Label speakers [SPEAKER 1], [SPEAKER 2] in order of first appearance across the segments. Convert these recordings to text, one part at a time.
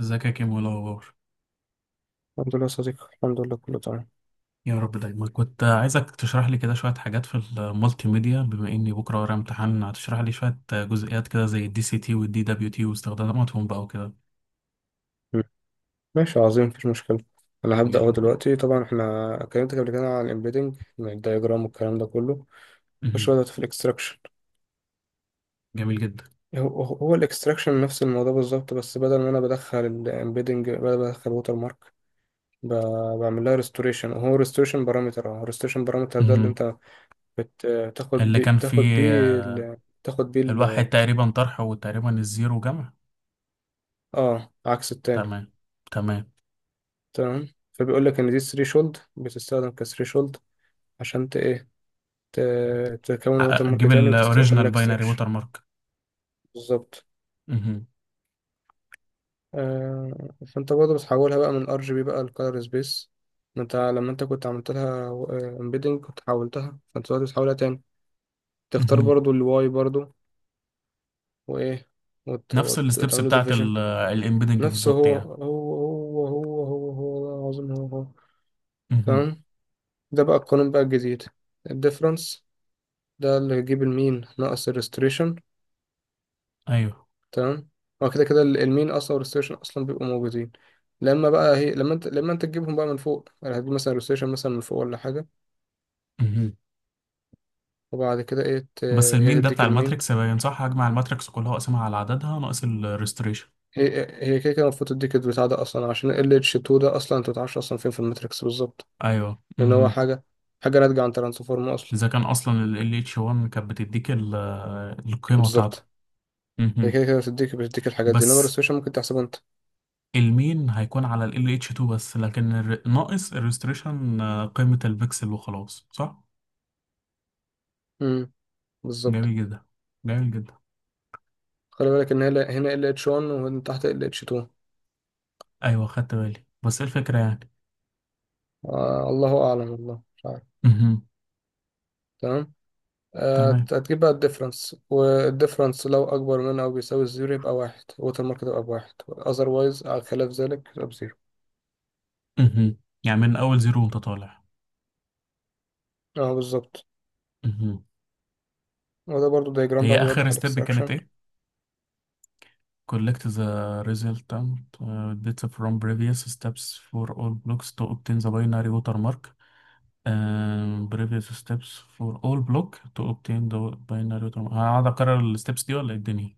[SPEAKER 1] ازيك يا كيمو؟ إيه الاخبار؟
[SPEAKER 2] الحمد لله يا صديقي الحمد لله كله تمام.
[SPEAKER 1] يا رب دايما. كنت عايزك تشرح لي كده شويه حاجات في المالتي ميديا، بما اني بكره ورايا امتحان. هتشرح لي شويه جزئيات كده زي الدي سي تي والدي دبليو تي واستخداماتهم بقى وكده.
[SPEAKER 2] مم. ماشي عظيم مفيش مشكلة. أنا هبدأ أهو
[SPEAKER 1] يلا بينا.
[SPEAKER 2] دلوقتي طبعا احنا اتكلمت قبل كده عن الإمبيدنج الدايجرام والكلام ده كله. خش بقى
[SPEAKER 1] مهم.
[SPEAKER 2] دلوقتي في الإكستراكشن.
[SPEAKER 1] جميل جدا.
[SPEAKER 2] هو هو الإكستراكشن نفس الموضوع بالظبط بس بدل ما أنا بدخل الإمبيدنج بدخل ووتر مارك. بعمل لها ريستوريشن هو ريستوريشن بارامتر ده اللي
[SPEAKER 1] مهم.
[SPEAKER 2] أنت بتاخد
[SPEAKER 1] اللي
[SPEAKER 2] بيه
[SPEAKER 1] كان فيه. آه،
[SPEAKER 2] بتاخد بيه
[SPEAKER 1] الواحد
[SPEAKER 2] ال-
[SPEAKER 1] تقريبا طرح وتقريبا الزيرو جمع.
[SPEAKER 2] اه عكس التاني.
[SPEAKER 1] تمام، تمام.
[SPEAKER 2] تمام. فبيقول لك إن دي ثريشولد بتستخدم كثريشولد عشان إيه تكون ووتر مارك
[SPEAKER 1] اجيب
[SPEAKER 2] تاني وتعمل
[SPEAKER 1] الاوريجينال
[SPEAKER 2] لك
[SPEAKER 1] باينري
[SPEAKER 2] اكستراكشن.
[SPEAKER 1] ووتر مارك.
[SPEAKER 2] بالظبط.
[SPEAKER 1] مهم.
[SPEAKER 2] آه، فانت برضه بتحولها بقى من ار جي بي بقى لكالر سبيس. ما انت لما انت كنت عملت لها امبيدنج كنت حولتها فانت دلوقتي بتحولها تاني. تختار
[SPEAKER 1] مهم.
[SPEAKER 2] برضه الواي برضه. وايه
[SPEAKER 1] نفس الستبس
[SPEAKER 2] وتعمله
[SPEAKER 1] بتاعت
[SPEAKER 2] ديفيجن.
[SPEAKER 1] الامبيدنج
[SPEAKER 2] نفسه
[SPEAKER 1] بالظبط
[SPEAKER 2] هو
[SPEAKER 1] يعني.
[SPEAKER 2] هو هو هو هو هو والله العظيم هو هو.
[SPEAKER 1] مهم.
[SPEAKER 2] تمام. ده بقى القانون بقى الجديد. الديفرنس. ده اللي هيجيب المين ناقص الريستريشن.
[SPEAKER 1] ايوه.
[SPEAKER 2] تمام. هو كده كده المين اصلا والريستيشن اصلا بيبقوا موجودين. لما بقى هي لما انت لما انت تجيبهم بقى من فوق يعني هتجيب مثلا الريستيشن مثلا من فوق ولا حاجه.
[SPEAKER 1] مهم.
[SPEAKER 2] وبعد كده ايه.
[SPEAKER 1] بس المين
[SPEAKER 2] هي
[SPEAKER 1] ده بتاع
[SPEAKER 2] تديك المين.
[SPEAKER 1] الماتريكس باين صح، هجمع الماتريكس كلها واقسمها على عددها ناقص الريستريشن.
[SPEAKER 2] هي هي كده كده المفروض تديك البتاع ده اصلا عشان ال اتش 2 ده اصلا انت متعرفش اصلا فين في الماتريكس بالظبط.
[SPEAKER 1] ايوه،
[SPEAKER 2] لان هو
[SPEAKER 1] امم.
[SPEAKER 2] حاجه ناتجه عن ترانسفورم اصلا.
[SPEAKER 1] اذا كان اصلا ال LH1 كانت بتديك القيمه بتاعته.
[SPEAKER 2] بالظبط. هي
[SPEAKER 1] امم.
[SPEAKER 2] كده كده بتديك الحاجات دي انما
[SPEAKER 1] بس
[SPEAKER 2] الريستيشن ممكن تحسبه انت.
[SPEAKER 1] المين هيكون على ال LH2 بس، لكن ناقص الريستريشن قيمه البكسل وخلاص، صح؟
[SPEAKER 2] امم. بالظبط.
[SPEAKER 1] جميل جدا، جميل جدا.
[SPEAKER 2] خلي بالك ان هنا ال اتش 1 ومن تحت ال اتش 2.
[SPEAKER 1] ايوه خدت بالي، بس إيه الفكره يعني؟
[SPEAKER 2] آه، الله اعلم والله مش عارف.
[SPEAKER 1] امم.
[SPEAKER 2] تمام.
[SPEAKER 1] تمام.
[SPEAKER 2] هتجيب بقى الديفرنس والديفرنس لو أكبر من أو بيساوي الزيرو يبقى واحد الوتر مارك تبقى بواحد otherwise على خلاف ذلك يبقى بزيرو.
[SPEAKER 1] امم. يعني من اول زيرو وانت طالع.
[SPEAKER 2] اه، بالظبط.
[SPEAKER 1] امم.
[SPEAKER 2] وده برضو دايجرام بقى
[SPEAKER 1] هي اخر
[SPEAKER 2] بيوضح
[SPEAKER 1] ستيب كانت
[SPEAKER 2] الاكستراكشن.
[SPEAKER 1] ايه؟ Collect the resultant data from previous steps for all blocks to obtain the binary watermark. Previous steps for all block to obtain the binary watermark. هقعد أكرر الستبس دي ولا إيه الدنيا؟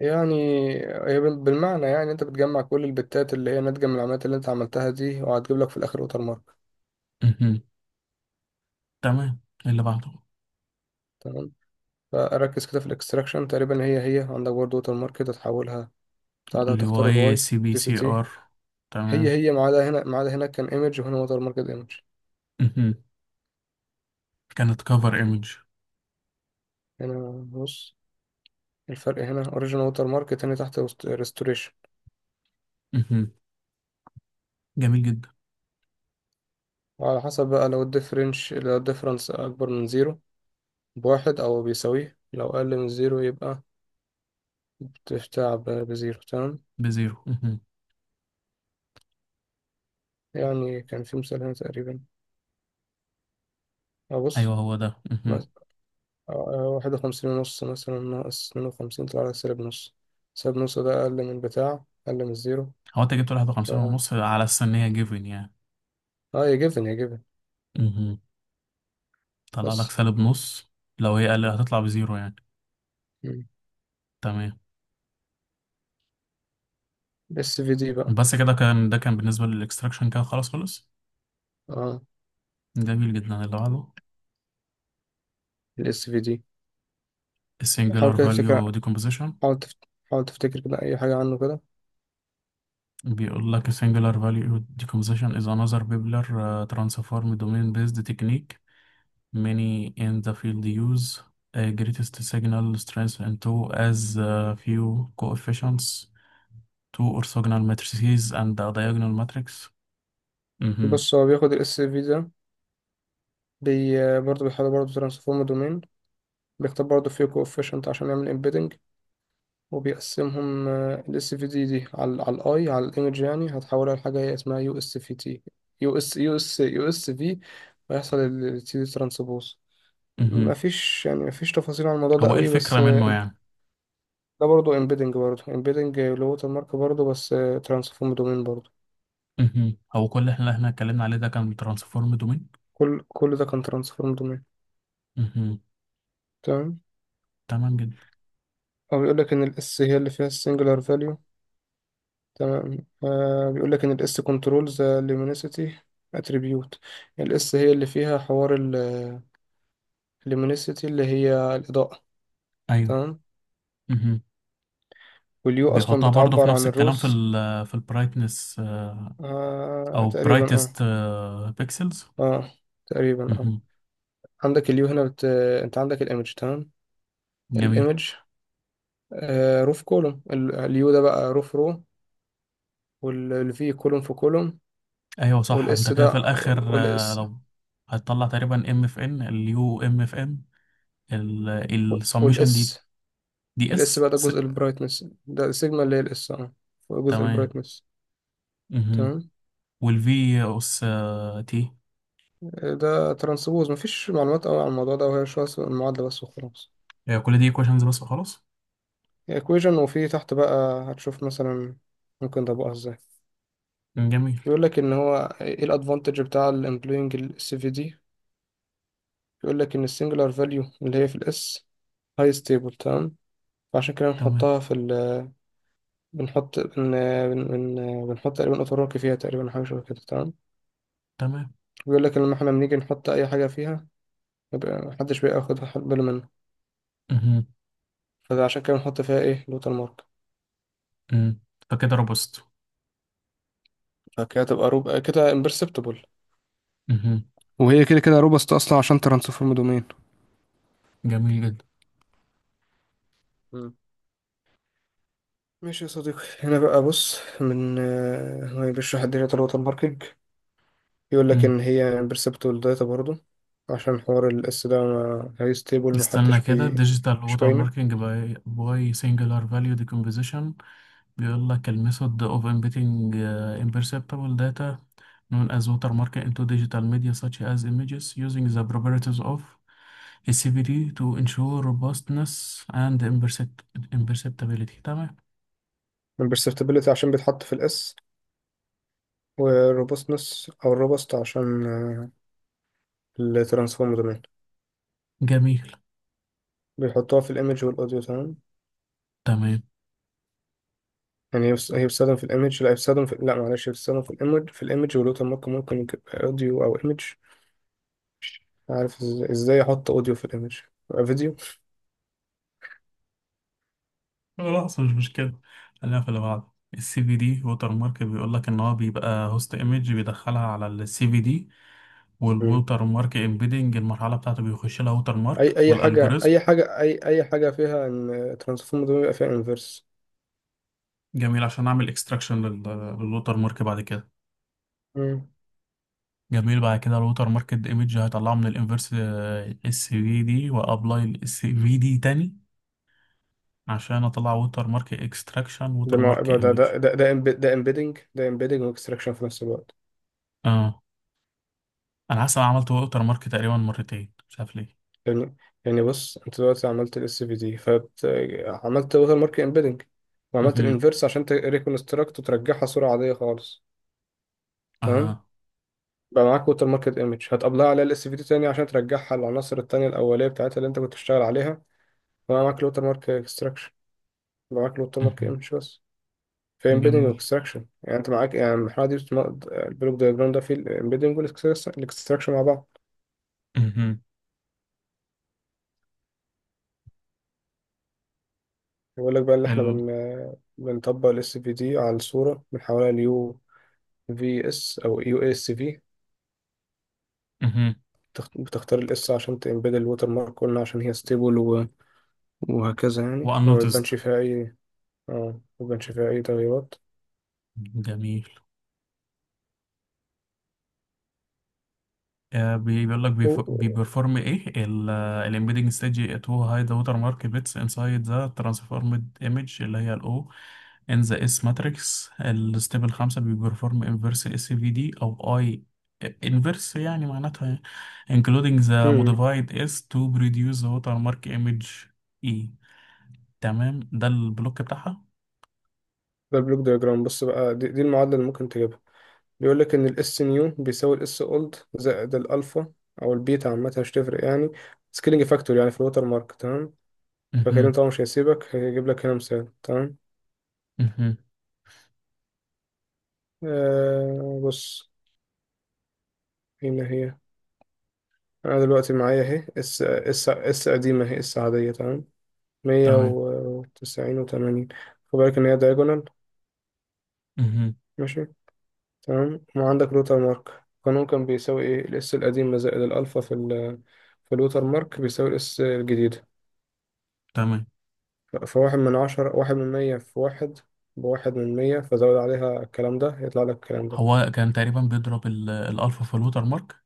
[SPEAKER 2] يعني هي بالمعنى يعني انت بتجمع كل البتات اللي هي ناتجة من العمليات اللي انت عملتها دي وهتجيب لك في الاخر ووتر مارك.
[SPEAKER 1] مهم. تمام. اللي بعده.
[SPEAKER 2] تمام. فركز كده في الاكستراكشن تقريبا هي عندك برضو ووتر مارك كده تحولها. بعدها
[SPEAKER 1] اللي هو
[SPEAKER 2] تختار
[SPEAKER 1] ايه،
[SPEAKER 2] الواي
[SPEAKER 1] سي بي
[SPEAKER 2] دي سي
[SPEAKER 1] سي
[SPEAKER 2] تي.
[SPEAKER 1] ار.
[SPEAKER 2] هي
[SPEAKER 1] تمام.
[SPEAKER 2] هي ما عدا هنا ما عدا هناك كان ايمج وهنا ووتر مارك ايمج.
[SPEAKER 1] مهم. كانت كفر ايمج.
[SPEAKER 2] هنا بص. الفرق هنا اوريجين ووتر مارك تاني تحت ريستوريشن.
[SPEAKER 1] جميل جدا.
[SPEAKER 2] وعلى حسب بقى لو الديفرنس اكبر من زيرو بواحد او بيساويه لو اقل من زيرو يبقى بتتعب بزيرو تمام.
[SPEAKER 1] بزيرو. مهم.
[SPEAKER 2] يعني كان في مثال هنا تقريبا. ابص.
[SPEAKER 1] ايوه، هو ده. مهم.
[SPEAKER 2] 51.5 مثلا ناقص 52 طلع لك سالب نص. سالب نص ده اقل من زيرو.
[SPEAKER 1] هو انت جبت واحد
[SPEAKER 2] ف...
[SPEAKER 1] وخمسين ونص على السنية جيفن يعني؟
[SPEAKER 2] اه، يا جيفن يا جيفن.
[SPEAKER 1] مهم. طلع لك
[SPEAKER 2] بس
[SPEAKER 1] سالب نص. لو هي أقل هتطلع بزيره يعني. تمام.
[SPEAKER 2] الاس في دي بقى
[SPEAKER 1] بس كده، كان ده كان بالنسبة للإكستركسشن، كان خلاص خلص.
[SPEAKER 2] اه
[SPEAKER 1] جميل جدا. اللي عادو
[SPEAKER 2] الاس في دي. حاول
[SPEAKER 1] سينغولر
[SPEAKER 2] كده تفتكر.
[SPEAKER 1] فاليو ديكومبيشن.
[SPEAKER 2] حاول تفت... حاول تفتكر كده اي حاجة عنه كده.
[SPEAKER 1] بيقول لك سينغولر فاليو ديكومبيشن is another popular transform domain based technique, many in the field use a greatest signal strength into as few coefficients to or signal matrices and a diagonal matrix. أممم
[SPEAKER 2] بص هو بياخد الاس في ده. برضه بيحاول برضه ترانسفورم دومين. بيختار برضه فيه كوفيشنت عشان يعمل امبيدنج. وبيقسمهم الاس في دي على الايمج يعني هتحولها لحاجه هي اسمها يو اس في تي. يو اس في. ويحصل التي دي ترانسبوز.
[SPEAKER 1] أممم
[SPEAKER 2] مفيش تفاصيل عن الموضوع ده
[SPEAKER 1] هو إل
[SPEAKER 2] قوي بس.
[SPEAKER 1] فكرة من نوعه.
[SPEAKER 2] ده برضه امبيدنج برضه امبيدنج لغه المارك برضه بس. ترانسفورم دومين برضه.
[SPEAKER 1] مهم. هو كل اللي احنا اتكلمنا عليه ده كان ترانسفورم دومين.
[SPEAKER 2] كل ده كان ترانسفورم دومين.
[SPEAKER 1] مهم.
[SPEAKER 2] تمام.
[SPEAKER 1] تمام جدا.
[SPEAKER 2] هو بيقول لك ان الاس هي اللي فيها السنجلر فاليو. تمام. آه، بيقول لك ان الاس كنترولز لومينيسيتي اتريبيوت. الاس هي اللي فيها حوار اللومينيسيتي اللي هي الاضاءه.
[SPEAKER 1] ايوه.
[SPEAKER 2] تمام.
[SPEAKER 1] مهم.
[SPEAKER 2] واليو اصلا
[SPEAKER 1] بيحطها برضه في
[SPEAKER 2] بتعبر
[SPEAKER 1] نفس
[SPEAKER 2] عن
[SPEAKER 1] الكلام في
[SPEAKER 2] الروز.
[SPEAKER 1] ال، في البرايتنس
[SPEAKER 2] آه،
[SPEAKER 1] او
[SPEAKER 2] تقريبا، اه.
[SPEAKER 1] برايتست بيكسلز.
[SPEAKER 2] اه، تقريبا، اه. عندك اليو هنا. انت عندك الايمج تمام.
[SPEAKER 1] جميل.
[SPEAKER 2] الايمج. آه، روف كولوم اليو ده بقى روف رو. والفي كولوم في كولوم.
[SPEAKER 1] ايوه صح، انت
[SPEAKER 2] والاس
[SPEAKER 1] كده في
[SPEAKER 2] ده
[SPEAKER 1] الاخر، آه،
[SPEAKER 2] والاس
[SPEAKER 1] لو هتطلع تقريبا ام اف ان اليو ام اف ان السمشن دي
[SPEAKER 2] والاس.
[SPEAKER 1] دي
[SPEAKER 2] الاس
[SPEAKER 1] اس
[SPEAKER 2] بقى ده
[SPEAKER 1] س.
[SPEAKER 2] جزء البرايتنس ده سيجما اللي هي الاس اه هو جزء
[SPEAKER 1] تمام.
[SPEAKER 2] البرايتنس
[SPEAKER 1] مهم.
[SPEAKER 2] تمام.
[SPEAKER 1] والفي اس تي.
[SPEAKER 2] ده ترانسبوز مفيش معلومات قوي عن الموضوع ده وهي شوية المعادلة بس وخلاص.
[SPEAKER 1] هي كل دي ايكويشنز بس وخلاص.
[SPEAKER 2] ايكويجن وفي تحت بقى هتشوف مثلا. ممكن ده بقى ازاي؟
[SPEAKER 1] جميل.
[SPEAKER 2] بيقول لك ان هو ايه الادفانتج بتاع الامبلوينج السي في دي. بيقول لك ان السنجلر فاليو اللي هي في الاس هاي ستيبل تمام. فعشان كده
[SPEAKER 1] تمام.
[SPEAKER 2] بنحطها في ال بنحط بن... بن... بن... بنحط تقريبا اوتوروكي فيها تقريبا حاجة شبه كده تمام.
[SPEAKER 1] تمام.
[SPEAKER 2] بيقول لك لما احنا بنيجي نحط اي حاجة فيها. يبقى محدش بياخد باله منه.
[SPEAKER 1] مهم.
[SPEAKER 2] فعشان كده بنحط فيها ايه لوتال مارك.
[SPEAKER 1] مم. فكده روبست.
[SPEAKER 2] فكده تبقى روب كده امبرسبتبل.
[SPEAKER 1] مهم.
[SPEAKER 2] وهي كده كده روبست اصلا عشان ترانسفورم دومين.
[SPEAKER 1] جميل جدا.
[SPEAKER 2] مم. ماشي يا صديقي هنا بقى بص من آه، هو بيشرح الدنيا الوتر ماركينج. يقول لك
[SPEAKER 1] مم.
[SPEAKER 2] ان هي امبرسبتبل داتا برضو. عشان حوار الاس ده ما هي ستيبل
[SPEAKER 1] استنى
[SPEAKER 2] محدش
[SPEAKER 1] كده،
[SPEAKER 2] بي
[SPEAKER 1] ديجيتال
[SPEAKER 2] مش
[SPEAKER 1] ووتر
[SPEAKER 2] باينه.
[SPEAKER 1] ماركينج باي سنجلر فاليو ديكومبوزيشن. بيقول لك الميثود اوف امبيتنج امبرسبتبل داتا known as watermarking into digital media such as images using the properties of a CVD to ensure robustness and imperceptibility. تمام.
[SPEAKER 2] امبرسبتبلتي عشان بيتحط في الاس. والروبستنس او الروبست عشان الترانسفورم دومين.
[SPEAKER 1] جميل.
[SPEAKER 2] بيحطوها في الايمج والاوديو تمام.
[SPEAKER 1] تمام.
[SPEAKER 2] يعني هي بتستخدم في الايمج لا هي بتستخدم في لا معلش هي بتستخدم في الايمج ولوتر مارك ممكن يبقى اوديو او ايمج. عارف ازاي احط اوديو في الايمج. يبقى فيديو.
[SPEAKER 1] خلاص مش مشكلة. خلينا في اللي بعده. السي في دي ووتر مارك، بيقول لك ان هو بيبقى هوست ايمج بيدخلها على السي في دي،
[SPEAKER 2] مم.
[SPEAKER 1] والووتر مارك امبيدنج المرحلة بتاعته بيخش لها ووتر مارك
[SPEAKER 2] اي اي حاجه
[SPEAKER 1] والالجوريزم.
[SPEAKER 2] اي حاجه اي اي حاجه فيها ان ترانسفورم ده بيبقى فيها انفرس.
[SPEAKER 1] جميل، عشان اعمل اكستراكشن للووتر مارك بعد كده.
[SPEAKER 2] مم.
[SPEAKER 1] جميل، بعد كده الووتر مارك ايمج هطلعه من الانفرس السي في دي، وابلاي السي في دي تاني عشان اطلع ووتر مارك اكستراكشن ووتر مارك
[SPEAKER 2] يبقى
[SPEAKER 1] ايمج.
[SPEAKER 2] ده امبيدنج واكستراكشن في نفس الوقت.
[SPEAKER 1] اه. انا حاسس انا عملت ووتر مارك تقريبا مرتين، مش عارف ليه.
[SPEAKER 2] يعني، يعني بص انت دلوقتي عملت الاس في دي فعملت لوتر مارك امبيدنج. وعملت
[SPEAKER 1] مهم.
[SPEAKER 2] الانفرس عشان تريكونستراكت وترجعها صوره عاديه خالص. تمام.
[SPEAKER 1] اها.
[SPEAKER 2] بقى معاك ووتر ماركت ايمج هتقبلها على ال في دي تاني عشان ترجعها للعناصر التانية الأولية بتاعتها اللي أنت كنت بتشتغل عليها. بقى معاك الووتر مارك اكستراكشن. بقى معاك الووتر مارك ايمج بس. في امبيدنج
[SPEAKER 1] جميل.
[SPEAKER 2] واكستراكشن يعني أنت معاك يعني المرحلة دي. البلوك دايجرام ده فيه الامبيدنج والاكستراكشن مع بعض.
[SPEAKER 1] مهم.
[SPEAKER 2] بيقول لك بقى اللي احنا
[SPEAKER 1] ال.
[SPEAKER 2] بنطبق ال في دي على الصورة بنحولها ليو. في اس أو يو اس في.
[SPEAKER 1] مهم.
[SPEAKER 2] بتختار الاس عشان تمبيد الووتر مارك قلنا عشان هي ستيبل. وهكذا يعني وما
[SPEAKER 1] وانوتزد.
[SPEAKER 2] يبانش فيها أي اه ما يبانش فيها أي تغييرات.
[SPEAKER 1] جميل. آه، بيقول لك
[SPEAKER 2] و-
[SPEAKER 1] بيبرفورم ايه. الامبيدنج ستيج تو هاي ذا ووتر مارك بيتس انسايد ذا ترانسفورمد ايمج، اللي هي الاو ان ذا اس ماتريكس. الستيب الخامسه بيبرفورم انفرس اس في دي او اي. انفرس يعني معناتها including the
[SPEAKER 2] مم.
[SPEAKER 1] modified S to produce the watermark image E. تمام، ده البلوك بتاعها.
[SPEAKER 2] ده بلوك دياجرام بص بقى دي المعادلة اللي ممكن تجيبها. بيقول لك ان الاس نيو بيساوي الاس اولد زائد الالفا او البيتا عامة مش تفرق يعني. سكيلينج فاكتور يعني في الوتر مارك تمام. فكريم
[SPEAKER 1] مهم.
[SPEAKER 2] طبعا مش هيسيبك هيجيب لك هنا مثال تمام.
[SPEAKER 1] مهم.
[SPEAKER 2] آه، بص. هنا هي. انا دلوقتي معايا اهي اس قديمة اهي اس عادية تمام. مية
[SPEAKER 1] تمام.
[SPEAKER 2] وتسعين وتمانين خد بالك ان هي دايجونال.
[SPEAKER 1] مهم.
[SPEAKER 2] ماشي. تمام وعندك لوتر مارك القانون كان بيساوي ايه الاس القديمة زائد الالفا في في اللوتر مارك بيساوي الاس الجديدة.
[SPEAKER 1] تمام.
[SPEAKER 2] فواحد من عشرة 1/100 في واحد. بواحد من مية فزود عليها الكلام ده يطلع لك الكلام ده.
[SPEAKER 1] هو كان تقريبا بيضرب الألفا في الوتر مارك.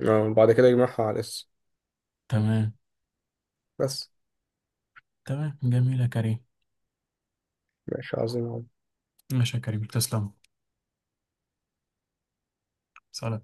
[SPEAKER 2] بعد كده يجمعها على الاس.
[SPEAKER 1] تمام.
[SPEAKER 2] بس.
[SPEAKER 1] تمام. جميل يا كريم.
[SPEAKER 2] ماشي عظيم.
[SPEAKER 1] ماشي يا كريم، تسلم. سلام.